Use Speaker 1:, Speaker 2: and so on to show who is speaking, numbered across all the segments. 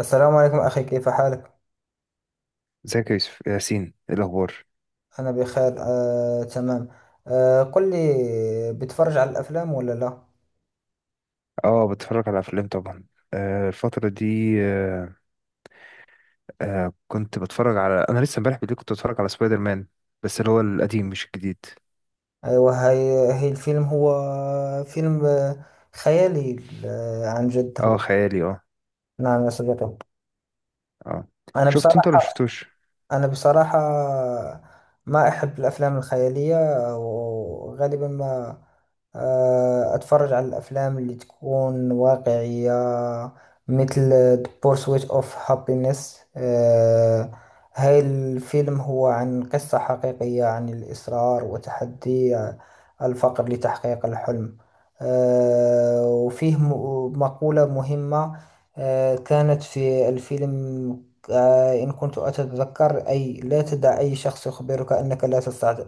Speaker 1: السلام عليكم أخي، كيف حالك؟
Speaker 2: ازيك يا يوسف ياسين، ايه الاخبار؟
Speaker 1: أنا بخير، تمام. قل لي، بتفرج على الأفلام ولا لا؟
Speaker 2: اه، بتفرج على افلام طبعا. الفتره دي، كنت بتفرج على، انا لسه امبارح بالليل كنت بتفرج على سبايدر مان، بس اللي هو القديم مش الجديد.
Speaker 1: أيوة، هي الفيلم هو فيلم خيالي. عن جد
Speaker 2: اه،
Speaker 1: هو.
Speaker 2: خيالي، اه.
Speaker 1: نعم يا صديقي.
Speaker 2: اه،
Speaker 1: أنا
Speaker 2: شفته انت ولا
Speaker 1: بصراحة
Speaker 2: شفتوش؟
Speaker 1: أنا بصراحة ما أحب الأفلام الخيالية، وغالبا ما أتفرج على الأفلام اللي تكون واقعية، مثل The Pursuit of Happiness. آه، هاي الفيلم هو عن قصة حقيقية، عن الإصرار وتحدي الفقر لتحقيق الحلم. وفيه مقولة مهمة كانت في الفيلم، إن كنت أتذكر، أي لا تدع أي شخص يخبرك أنك لا تستع-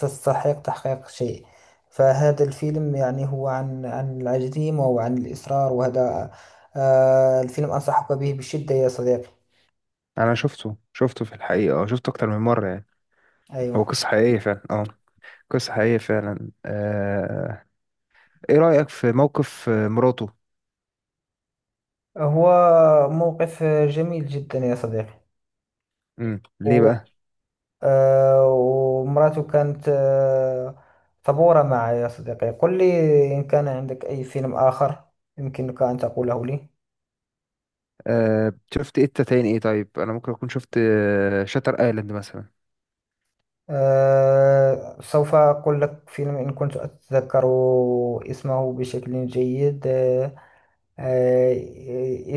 Speaker 1: تستحق تحقيق شيء. فهذا الفيلم يعني هو عن العزيمة وعن الإصرار، وهذا الفيلم أنصحك به بشدة يا صديقي.
Speaker 2: انا شفته في الحقيقه، اه شفته اكتر من مره يعني. هو
Speaker 1: أيوه،
Speaker 2: قصه حقيقيه فعلا، اه. قصه حقيقيه فعلا، ايه رايك في موقف مراته؟
Speaker 1: هو موقف جميل جدا يا صديقي.
Speaker 2: ليه
Speaker 1: و-
Speaker 2: بقى؟
Speaker 1: ومراته كانت صبورة معي يا صديقي. قل لي، إن كان عندك أي فيلم آخر يمكنك أن تقوله لي.
Speaker 2: شفت ايه تاني؟ ايه طيب، انا ممكن اكون شفت شاتر ايلاند مثلا.
Speaker 1: سوف أقول لك فيلم، إن كنت أتذكر اسمه بشكل جيد. آه،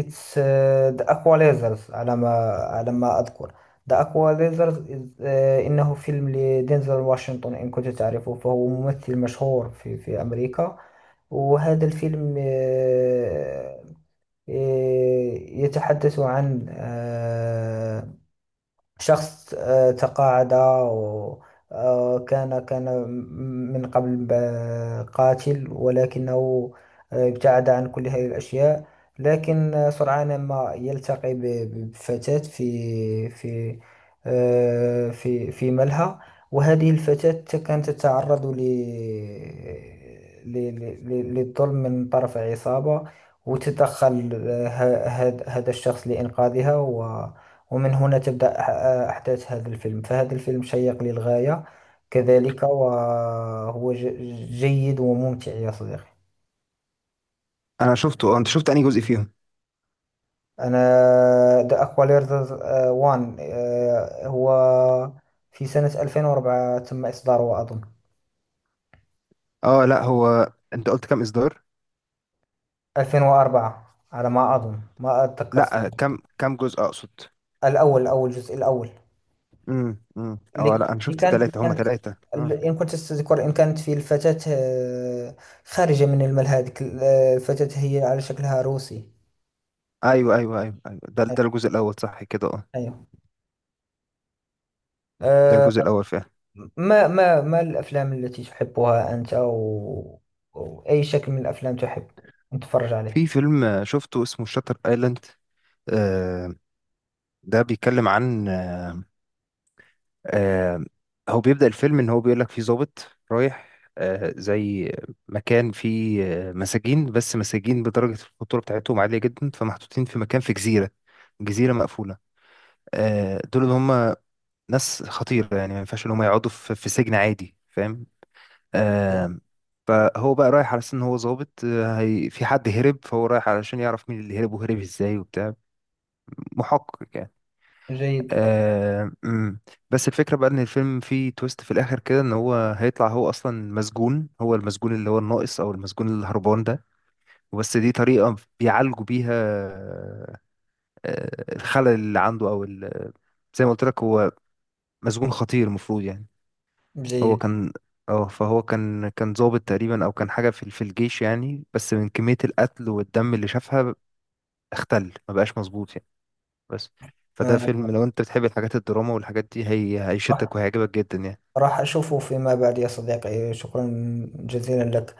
Speaker 1: It's The Aqua Lasers، على ما أذكر. The Aqua Lasers إنه فيلم لدينزل واشنطن، إن كنت تعرفه فهو ممثل مشهور في أمريكا. وهذا الفيلم يتحدث عن شخص تقاعد. وكان كان كان من قبل قاتل، ولكنه ابتعد عن كل هذه الأشياء. لكن سرعان ما يلتقي بفتاة في في ملهى. وهذه الفتاة كانت تتعرض للظلم من طرف عصابة، وتدخل هذا الشخص لإنقاذها. ومن هنا تبدأ أحداث هذا الفيلم، فهذا الفيلم شيق للغاية كذلك، وهو جيد وممتع يا صديقي.
Speaker 2: انا شفته اه، انت شفت انهي جزء فيهم؟
Speaker 1: أنا The Aqualad وان، هو في سنة 2004 تم إصداره أظن.
Speaker 2: اه، لا هو انت قلت كام اصدار؟
Speaker 1: 2004 على ما أظن، ما أتذكر السنة
Speaker 2: لا كام
Speaker 1: بالضبط.
Speaker 2: كام جزء اقصد؟
Speaker 1: الأول، الجزء الأول. اللي
Speaker 2: اه، لا انا
Speaker 1: اللي
Speaker 2: شفت
Speaker 1: كانت اللي
Speaker 2: التلاتة، هما
Speaker 1: كانت
Speaker 2: تلاتة اه.
Speaker 1: إن كنت تذكر، إن كانت في الفتاة خارجة من المال، هذيك الفتاة هي على شكلها روسي.
Speaker 2: ايوه ايوه ايوه ايوه، ده الجزء الاول صح كده، اه.
Speaker 1: أيوه.
Speaker 2: ده
Speaker 1: أه.
Speaker 2: الجزء الاول فعلا.
Speaker 1: ما الأفلام التي تحبها أنت، أو أي شكل من الأفلام تحب نتفرج عليه؟
Speaker 2: في فيلم شفته اسمه شاتر ايلاند، آه. ده بيتكلم عن، آه هو بيبدأ الفيلم ان هو بيقول لك في ضابط رايح، زي مكان فيه مساجين، بس مساجين بدرجة الخطورة بتاعتهم عالية جدا، فمحطوطين في مكان في جزيرة، جزيرة مقفولة. دول اللي هم ناس خطيرة يعني، ما ينفعش ان هم يقعدوا في سجن عادي فاهم. آم، فهو بقى رايح على اساس ان هو ظابط، هي في حد هرب، فهو رايح علشان يعرف مين اللي هرب وهرب ازاي وبتاع، محقق يعني.
Speaker 1: جيد.
Speaker 2: آم، أمم. بس الفكرة بقى ان الفيلم فيه تويست في الاخر كده، ان هو هيطلع هو اصلا مسجون، هو المسجون اللي هو الناقص او المسجون الهربان ده. بس دي طريقة بيعالجوا بيها الخلل اللي عنده او زي ما قلت لك هو مسجون خطير المفروض يعني. هو
Speaker 1: جيد.
Speaker 2: كان، اه فهو كان ضابط تقريبا، او كان حاجه في الجيش يعني، بس من كميه القتل والدم اللي شافها اختل، ما بقاش مظبوط يعني. بس فده فيلم،
Speaker 1: أه.
Speaker 2: لو انت بتحب الحاجات الدراما والحاجات دي، هي
Speaker 1: راح
Speaker 2: هيشدك وهيعجبك جدا يعني.
Speaker 1: راح أشوفه فيما بعد يا صديقي، شكرا جزيلا لك.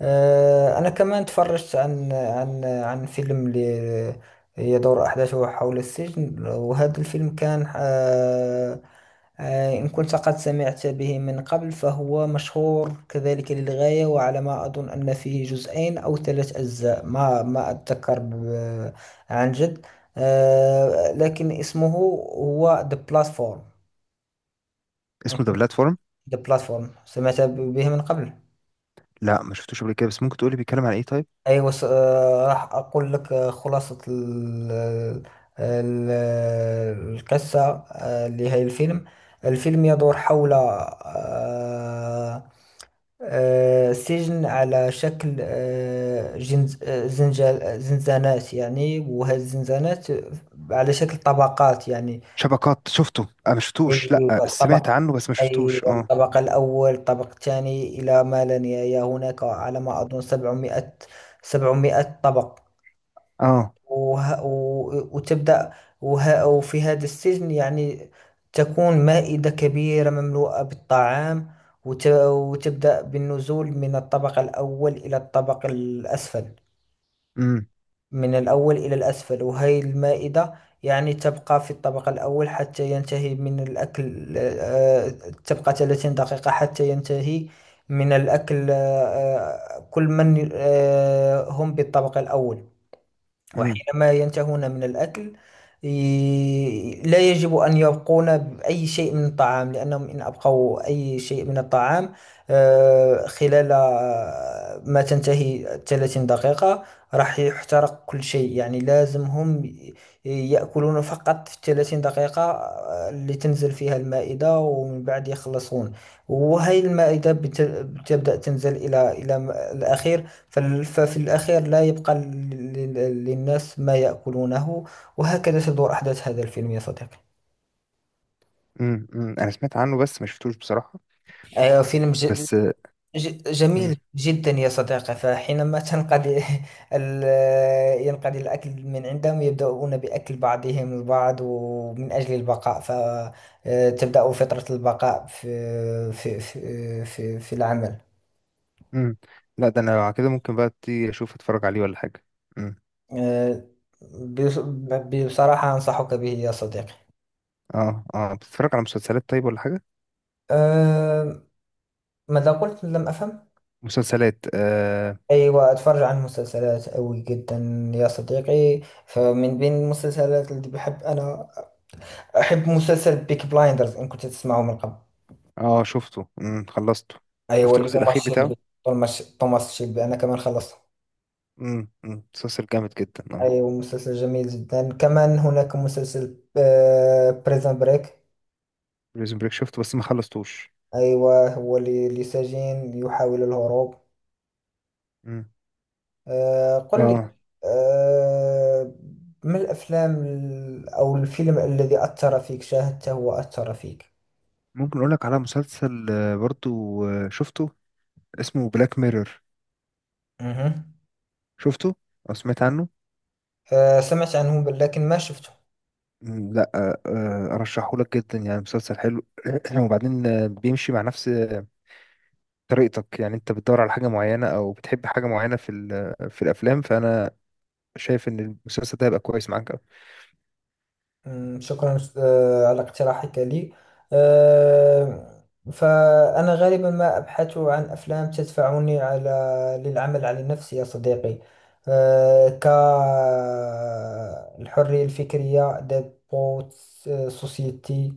Speaker 1: أنا كمان تفرجت عن فيلم يدور أحداثه حول السجن، وهذا الفيلم كان إن كنت قد سمعت به من قبل، فهو مشهور كذلك للغاية. وعلى ما أظن أن فيه جزئين أو ثلاث أجزاء، ما أتذكر عن جد. لكن اسمه هو The Platform. أنا
Speaker 2: اسمه ذا
Speaker 1: كنت
Speaker 2: بلاتفورم.
Speaker 1: The Platform سمعت به من قبل.
Speaker 2: لا، ما شفتوش قبل كده، بس ممكن تقولي بيتكلم عن ايه طيب؟
Speaker 1: ايوه راح اقول لك خلاصة القصة لهذا الفيلم. الفيلم يدور حول سجن على شكل زنزانات يعني، وهذه الزنزانات على شكل طبقات يعني.
Speaker 2: شبكات شفته، اه ما شفتوش،
Speaker 1: أيوة،
Speaker 2: لا سمعت عنه بس ما شفتوش
Speaker 1: أيوة
Speaker 2: اه.
Speaker 1: الطبق الأول، الطبق الثاني، إلى ما لا نهاية. هناك على ما أظن سبعمائة، سبعمائة طبق.
Speaker 2: اه.
Speaker 1: وه... و... وتبدأ، وفي هذا السجن يعني تكون مائدة كبيرة مملوءة بالطعام. وتبدأ بالنزول من الطبق الأول إلى الطبق الأسفل،
Speaker 2: امم
Speaker 1: من الأول إلى الأسفل. وهي المائدة، يعني تبقى في الطبق الأول حتى ينتهي من الأكل. تبقى 30 دقيقة حتى ينتهي من الأكل، كل من هم بالطبق الأول.
Speaker 2: امم
Speaker 1: وحينما ينتهون من الأكل، لا يجب أن يبقون بأي شيء من الطعام، لأنهم إن أبقوا أي شيء من الطعام خلال ما تنتهي 30 دقيقة راح يحترق كل شيء. يعني لازم هم يأكلون فقط في 30 دقيقة، اللي تنزل فيها المائدة، ومن بعد يخلصون. وهي المائدة بتبدأ تنزل إلى الأخير، ففي الأخير لا يبقى للناس ما يأكلونه. وهكذا تدور أحداث هذا الفيلم يا صديقي.
Speaker 2: امم انا سمعت عنه بس ما شفتوش بصراحه.
Speaker 1: فيلم
Speaker 2: بس.
Speaker 1: جميل جدا يا صديقي. فحينما تنقضي ينقضي الأكل من عندهم، يبدأون بأكل بعضهم البعض ومن أجل البقاء، فتبدأ فترة البقاء في في العمل.
Speaker 2: امم لا ده انا لو على كده ممكن بقى ابتدي اشوف، اتفرج عليه ولا حاجه. امم
Speaker 1: آه، بص- بصراحة أنصحك به يا صديقي.
Speaker 2: اه، اه، بتتفرج على مسلسلات طيب ولا حاجه؟
Speaker 1: آه، ماذا قلت؟ لم أفهم.
Speaker 2: مسلسلات، اه.
Speaker 1: أيوة، أتفرج عن مسلسلات أوي جدا يا صديقي. فمن بين المسلسلات اللي بحب، أنا أحب مسلسل بيك بلايندرز، إن كنت تسمعه من قبل.
Speaker 2: اه شفته، خلصته. شفت
Speaker 1: أيوة، اللي
Speaker 2: الجزء
Speaker 1: توماس
Speaker 2: الاخير بتاعه؟
Speaker 1: شيلبي. توماس شيلبي، أنا كمان خلصته.
Speaker 2: مسلسل جامد جدا، اه.
Speaker 1: أيوة، مسلسل جميل جدا. كمان هناك مسلسل بريزن بريك.
Speaker 2: بريزون بريك شفته، بس ما خلصتوش.
Speaker 1: أيوة، هو اللي سجين يحاول الهروب.
Speaker 2: امم
Speaker 1: قل لي،
Speaker 2: اه.
Speaker 1: آه، ما الأفلام أو الفيلم الذي أثر فيك، شاهدته وأثر فيك؟
Speaker 2: ممكن اقول لك على مسلسل برضو شفته، اسمه بلاك ميرور.
Speaker 1: مهم.
Speaker 2: شفته او سمعت عنه؟
Speaker 1: سمعت عنه بل لكن ما شفته.
Speaker 2: مم، لا ارشحه لك جدا يعني، مسلسل حلو. وبعدين بيمشي مع نفس طريقتك، يعني انت بتدور على حاجة معينة او بتحب حاجة معينة في في الافلام، فانا شايف ان المسلسل ده هيبقى كويس معاك أوي.
Speaker 1: مم، شكرا على اقتراحك لي. آه، فأنا غالبا ما أبحث عن أفلام تدفعني للعمل على نفسي يا صديقي. كالحرية الفكرية، ديبوت سوسيتي،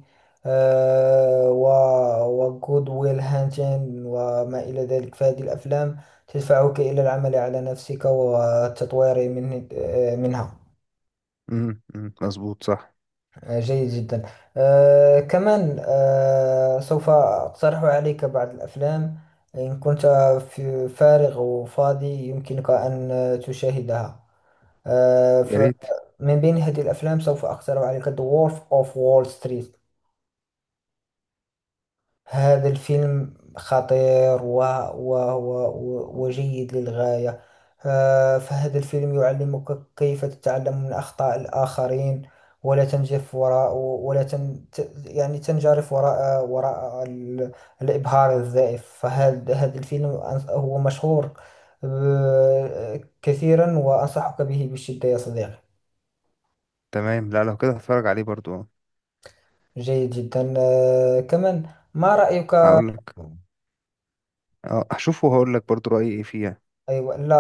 Speaker 1: وجود ويل هانتين، وما إلى ذلك. فهذه الأفلام تدفعك إلى العمل على نفسك والتطوير من منها.
Speaker 2: أمم، مظبوط صح.
Speaker 1: جيد جدا. آه، كمان، آه، سوف أقترح عليك بعض الأفلام. إن كنت في فارغ وفاضي، يمكنك أن تشاهدها. آه،
Speaker 2: يا ريت.
Speaker 1: فمن بين هذه الأفلام سوف أقترح عليك The Wolf of Wall Street. هذا الفيلم خطير وجيد للغاية. فهذا الفيلم يعلمك كيف تتعلم من أخطاء الآخرين، ولا تنجرف وراء ولا تن... ت- يعني تنجرف وراء وراء ال... الإبهار الزائف. فهذا الفيلم هو مشهور كثيرا، وأنصحك به بشدة يا صديقي.
Speaker 2: تمام، لا لو كده هتفرج عليه برضو.
Speaker 1: جيد جدا. كمان، ما رأيك؟
Speaker 2: هقول لك، اه هشوفه وهقول لك برضو رأيي ايه فيها.
Speaker 1: أيوة، لا،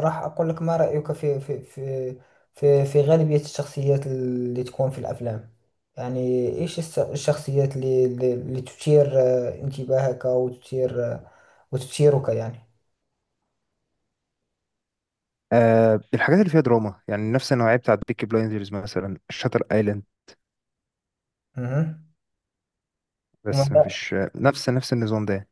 Speaker 1: راح أقول لك. ما رأيك في في غالبية الشخصيات اللي تكون في الأفلام؟ يعني إيش الشخصيات اللي تثير انتباهك، وتثير وتثيرك يعني؟
Speaker 2: آه، الحاجات اللي فيها دراما يعني، نفس النوعية بتاعت بيكي بلايندرز مثلا، شاتر ايلاند.
Speaker 1: مهم.
Speaker 2: بس
Speaker 1: وماذا-
Speaker 2: مفيش نفس النظام ده.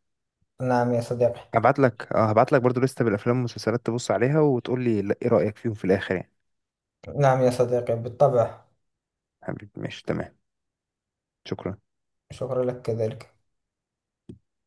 Speaker 1: نعم يا صديقي.
Speaker 2: هبعت لك برضو لستة بالافلام والمسلسلات، تبص عليها وتقول لي ايه رأيك فيهم في الاخر يعني.
Speaker 1: نعم يا صديقي بالطبع.
Speaker 2: حبيبي ماشي تمام، شكرا.
Speaker 1: شكرا لك كذلك.